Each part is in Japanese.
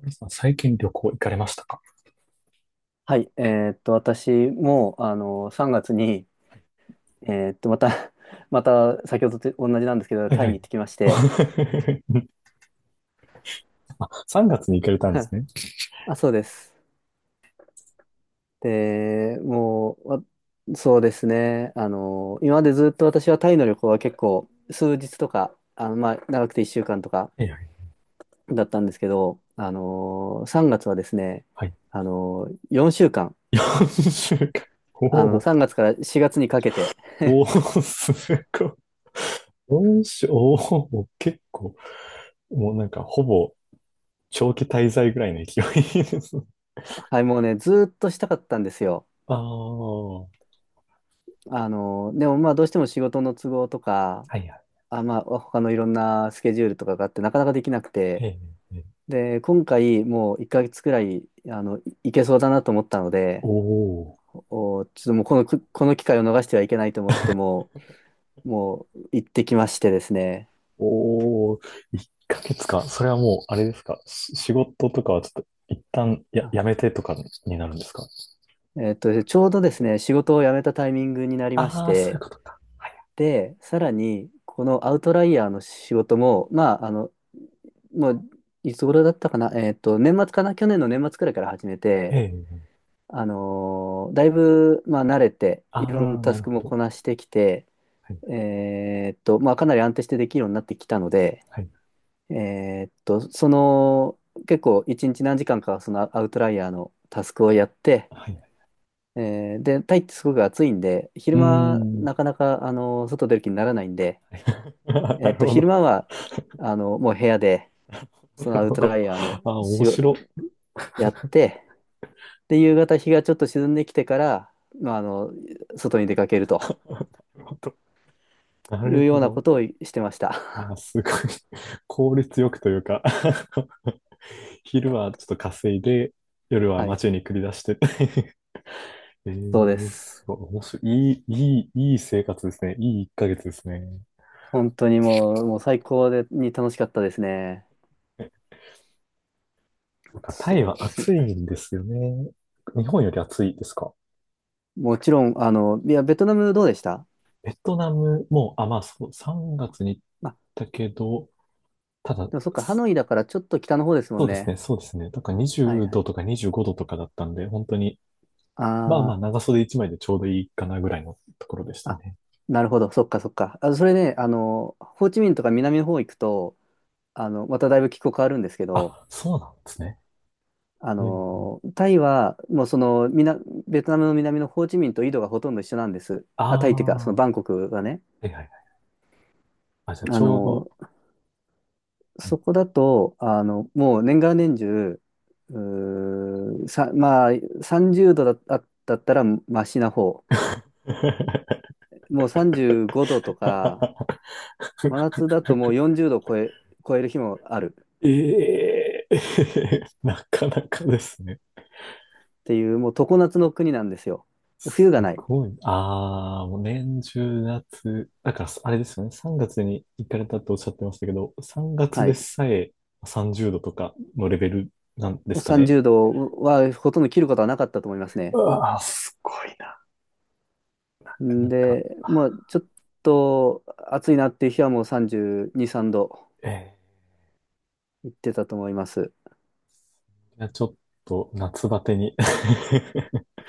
皆さん最近旅行行かれましたか？はい、私も、3月に、また、また、先ほどと同じなんですけど、はいタはイにい。行ってきまして。あ、3月に行かれたんで すね。あ、そうです。で、もう、わそうですね、今までずっと私はタイの旅行は結構、数日とか、まあ、長くて1週間とかはいはい。だったんですけど、3月はですね、はい。4週間、4週間。お3ー月から4月にかけて。おー、すごい。4週、おお、結構、もうなんかほぼ長期滞在ぐらいの勢いです。はい、もうね、ずっとしたかったんですよ。ああ、はでもまあどうしても仕事の都合とか、いはい。あ、まあ他のいろんなスケジュールとかがあってなかなかできなくえて、え、ええで、今回もう1ヶ月くらい、いいけそうだなと思ったので、おちょっともうこの機会を逃してはいけないと思ってもう行ってきましてですね。おお、1ヶ月か。それはもう、あれですか。仕事とかはちょっと、一旦やめあてとかになるんですか？ちょうどですね、仕事を辞めたタイミングになりましああー、そういうて、ことか。はい。で、さらに、このアウトライヤーの仕事も、まあ、もう、いつ頃だったかな、年末かな、去年の年末くらいから始めて、ええ。だいぶ、まあ、慣れて、いろんあなあ、タなスるクほもこど。なしてきて、はい、まあ、かなり安定してできるようになってきたので、はい、えーっと、その、結構、一日何時間か、そのアウトライヤーのタスクをやって、はい。で、タイってすごく暑いんで、う昼ー間、ん。なかなか、外出る気にならないんで、なるほ昼ど。間は、もう部屋で、なそのるアウほトラど。イヤーあのあ、面仕事白。やって、で、夕方日がちょっと沈んできてから、まあ、外に出かけるとなるほど。ないるうよほうなこど。とをしてましあた。あ、すごい。効率よくというか 昼はちょっと稼いで、夜 ははい、街に繰り出して えそうでえす。すごい、面白い。いい、いい、いい生活ですね。いい1ヶ月ですね。本当にもう、最高に楽しかったですね。そうか、タイそはうですね。暑いんですよね。日本より暑いですか？もちろん、いや、ベトナムどうでした？ベトナムも、あ、まあそう、3月に行っあ、たけど、ただ、でもそっか、ハすノイだからちょっと北の方ですもそんうですね。ね、そうですね。だからは20いは度い。とか25度とかだったんで、本当に、まあまああ長袖1枚でちょうどいいかなぐらいのところでしあ、たあ、ね。なるほど、そっかそっか。あ、それね、ホーチミンとか南の方行くと、まただいぶ気候変わるんですけど、あ、そうなんですね。うん、タイは、もうその、みな、ベトナムの南のホーチミンと緯度がほとんど一緒なんです。ああ、タイっていうか、あ、そのはバンコクはね。いはいはい。あ、じゃあちあょうど、の、はい そこだと、もう年がら年中、うーさ、まあ、30度だったらマシな方。もう35度とか、真夏だともう 40度超える日もあるええ なかなかですね。っていう、もう常夏の国なんですよ。冬すがない。ごい。ああ、もう年中夏。だから、あれですよね。3月に行かれたっておっしゃってましたけど、3月はでい。さえ30度とかのレベルなんですかね。30度はほとんど切ることはなかったと思いますうね。わあ、すごいな。なんんか、で、まあ、ちょっと暑いなっていう日はもう32、3度ええいってたと思います。いや、ちょっと夏バテに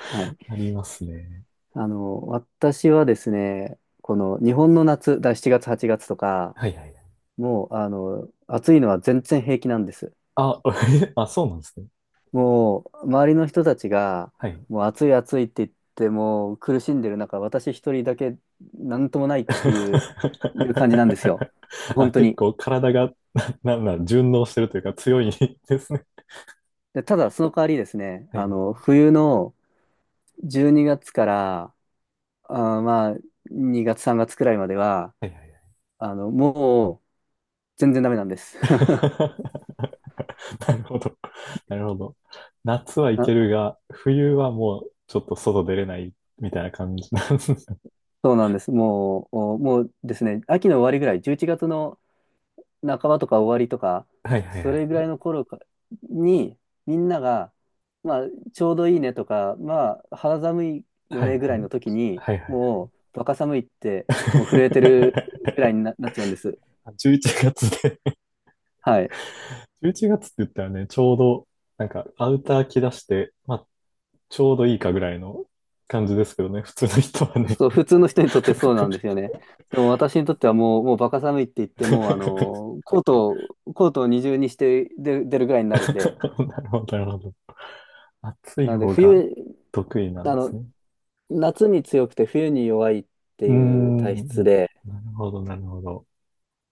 は い。なりますね。私はですね、この日本の夏、7月、8月とか、はいはいはい。もう、暑いのは全然平気なんです。あ、あ、そうなんですね。もう、周りの人たちが、はい。もう暑い暑いって言って、もう苦しんでる中、私一人だけなんともないっていう、感じなんですよ。あ、本当結に。構体が、な、なんなん、順応してるというか強いですね。で、ただ、その代わりですね、はい。冬の12月から、まあ、2月、3月くらいまでは、はいはいはい。もう、全然ダメなんです。なるほど。なるほど。夏はいけあ、るが、冬はもうちょっと外出れないみたいな感じなんですね。そうなんです。もう、おもうですね、秋の終わりぐらい、11月の半ばとか終わりとか、はいはいそはれぐらいい。の頃かに、みんなが、まあ、ちょうどいいねとか、まあ、肌寒いよはいねぐはらいい。の時に、はいはいはい。もう、バカ寒いって、もう震えてるぐらい になっちゃうんです。あ11月ではい。11月って言ったらね、ちょうど、なんか、アウター着出して、まあちょうどいいかぐらいの感じですけどね、普通の人はね。そう、普通の人にとってそうなんですよね。でも私にとってはもう、バカ寒いって言っても、コートを二重にして出るぐらいになるんで、なるほど、なるほど。暑ないので方が冬、得意なんあですの、ね。夏に強くて冬に弱いってうーいう体質ん、で、なるほど、なるほど。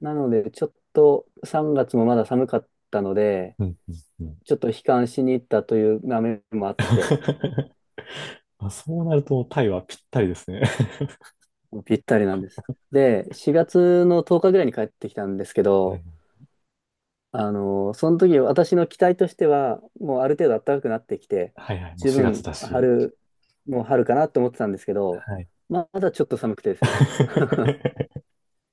なのでちょっと3月もまだ寒かったので、うん、うん、うん。ちょっと悲観しに行ったという面もあって、あそうなると、タイはぴったりですね。ぴったりなんです。で、4月の10日ぐらいに帰ってきたんですけ うんど、その時私の期待としては、もうある程度暖かくなってきて、はいはい、もう十4月分だし。春、もう春かなと思ってたんですけど、はい。まだちょっと寒くてです ね、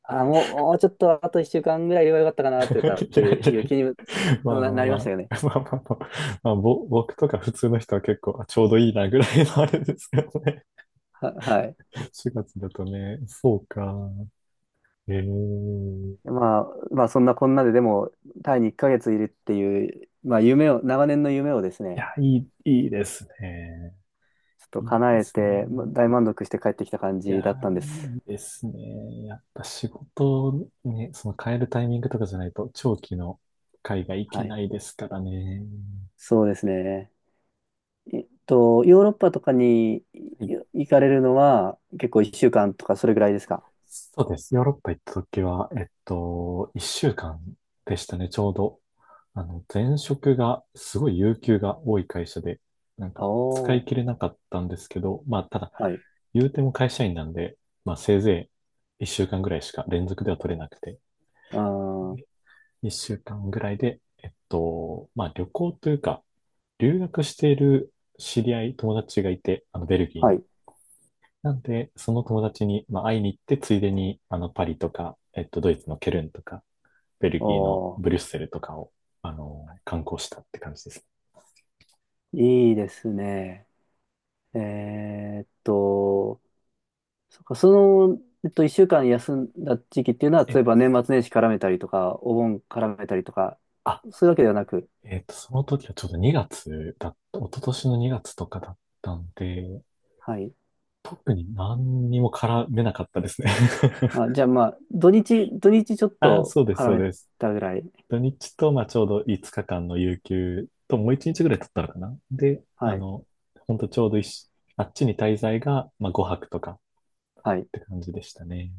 あ、もうちょっとあと1週間ぐらいいればよかったかいなやというかっていいやうい気にもやまあまあなりまましたあ。よね。まあまあまあ、まあ僕とか普通の人は結構あちょうどいいなぐらいのあれですけどね。はい。4月だとね、そうか。ええまあ、そんなこんなででも、タイに1ヶ月いるっていう、まあ長年の夢をですいね、や、いい、いいですね。ちょっといい叶でえすね。て、大満足して帰ってきた感いじや、だったんです。いいですね。やっぱ仕事ね、その変えるタイミングとかじゃないと長期の海外行はけい。ないですからね。そうですね。ヨーロッパとかにはい。行かれるのは結構1週間とかそれぐらいですか？そうです。ヨーロッパ行った時は、1週間でしたね、ちょうど。前職がすごい有給が多い会社で、なんおか使いー、切れなかったんですけど、まあ、ただはい。言うても会社員なんで、まあせいぜい1週間ぐらいしか連続では取れなくて、あー、1週間ぐらいで、まあ旅行というか、留学している知り合い、友達がいて、あのベルギーはに。い。なんで、その友達に、まあ、会いに行って、ついでに、パリとか、ドイツのケルンとか、ベルおギーのー、ブリュッセルとかを、観光したって感じですいいですね。えーっと、そっか、1週間休んだ時期っていうのは、ね。例え、えば年末年始絡めたりとか、お盆絡めたりとか、あ、そういうわけではなく、えっと、その時はちょうど2月だった、一昨年の2月とかだったんで、はい。特に何にも絡めなかったですね あ、じゃあまあ、土日ちょっああとそうです、絡そうめです。たぐらい。土日と、まあ、ちょうど5日間の有給と、もう1日ぐらい取ったのかなで、はい。ほんとちょうどいしあっちに滞在が、まあ、5泊とかっはい。て感じでしたね。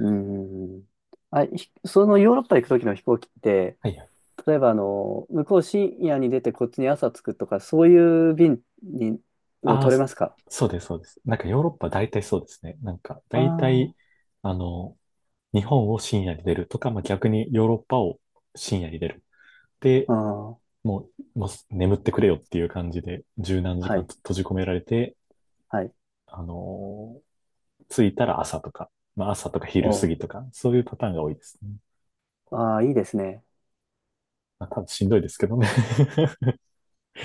うん。あ、そのヨーロッパ行く時の飛行機って、はいはい。例えば向こう深夜に出てこっちに朝着くとか、そういう便をああ、取れますか？そうです、そうです。なんかヨーロッパ大体そうですね。なんかあ大体、あの、日本を深夜に出るとか、まあ、逆にヨーロッパを深夜に出る。で、あ、ああ、ももう眠ってくれよっていう感じで、十何時は間い、と閉じ込められて、はい。あのー着いたら朝とか、まあ朝とか昼過おぎとか、そういうパターンが多いですね。ああー、いいですね。まあ多分しんどいですけどね。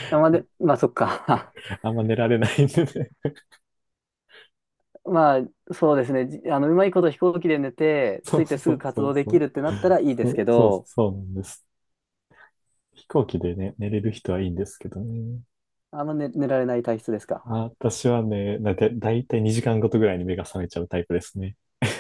あまあ、で、まあ、そっか。あんま寝られないんでね。まあ、そうですね。じあの、うまいこと飛行機で寝て、そ着ういてすそぐう活そう動でそきう。るってなったらいいでそすうけそうど、そうなんです。飛行機でね、寝れる人はいいんですけどね。あんま寝られない体質ですか？あ、私はね、だいたい2時間ごとぐらいに目が覚めちゃうタイプですね。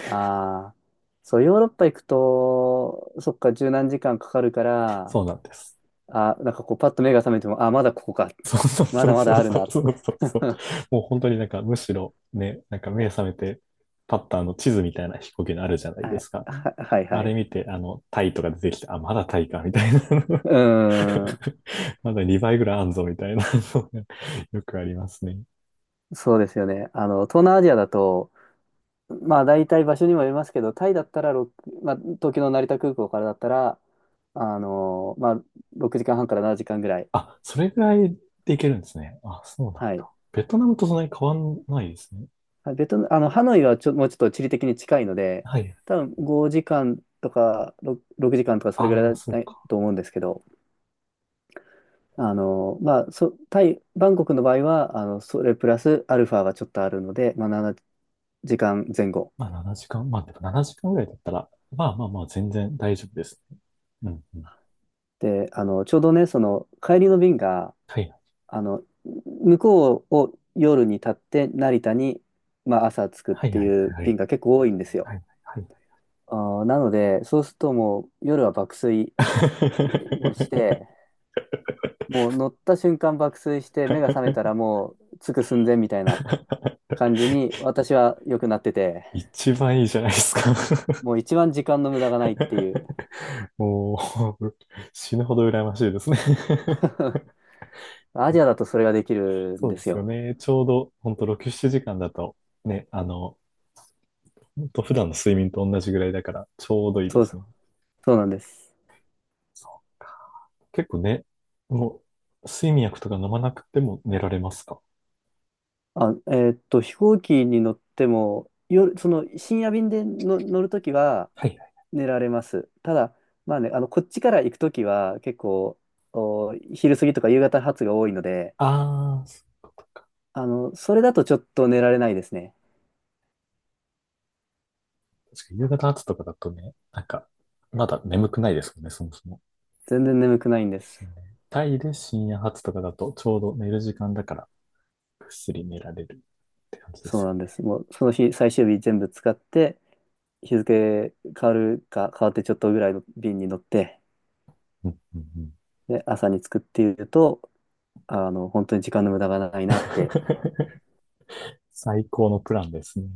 ああ、そう、ヨーロッパ行くと、そっか、十何時間かかるから、そうなんです。あ、なんかこう、パッと目が覚めても、あ、まだここか。そうそうまそだうまそだあるうな。そうそうそう。もう本当になんかむしろね、なんか目覚めてパッターの地図みたいな飛行機のあるじゃないであすか。はいあはれい。見て、タイとか出てきて、あ、まだタイか、みたいな。うーん。まだ2倍ぐらいあんぞ、みたいなのが よくありますね。そうですよね。東南アジアだと、まあ大体場所にもよりますけど、タイだったら6、まあ、東京の成田空港からだったら、まあ6時間半から7時間ぐらい。あ、それぐらいでいけるんですね。あ、そうなんはい。だ。ベトナムとそんなに変わんないですね。ベトナム、ハノイはもうちょっと地理的に近いので、はい。多分5時間とか6、6時間とかそれぐあらあ、いそうだか。と思うんですけど、まあ、タイ、バンコクの場合は、それプラスアルファがちょっとあるので、まあ、7時間前後。まあ7時間、まあでも7時間ぐらいだったら、まあまあまあ全然大丈夫ですね。うんうん。で、ちょうどね、その、帰りの便が、はいはいあの、向こうを夜に立って、成田に、まあ、朝着くっはいてはいいうはいはい。便が結構多いんですよ。はいはい あなので、そうするともう、夜は爆睡もして、もう乗った瞬間爆睡して、目が覚めたらもう、着く寸前みたいな 感じに、私は良くなってて、一番いいじゃないですか もう一番時間の無駄がないっていう。もう、死ぬほど羨ましいですね アジアだとそれができるんそうでですすよよ。ね。ちょうど、ほんと6、7時間だと、ね、ほんと普段の睡眠と同じぐらいだから、ちょうどいいでそうすそう、ね。そうなんです。そう結構ね、もう、睡眠薬とか飲まなくても寝られますか？あ、飛行機に乗っても、夜、その深夜便での乗るときははいはい。寝られます。ただ、まあね、こっちから行くときは結構、昼過ぎとか夕方発が多いので、ああ、そういうこと。それだとちょっと寝られないですね。確かに夕方後とかだとね、なんか、まだ眠くないですもんね、そもそも。全然眠くないんでですす。よね。タイで深夜発とかだとちょうど寝る時間だからぐっすり寝られるって感じでそうすよなんでね。す。もう、その日、最終日全部使って、日付変わるか変わってちょっとぐらいの便に乗って、うんうんうん で、朝に着くっていうと、本当に時間の無駄がないなって 最高のプランですね。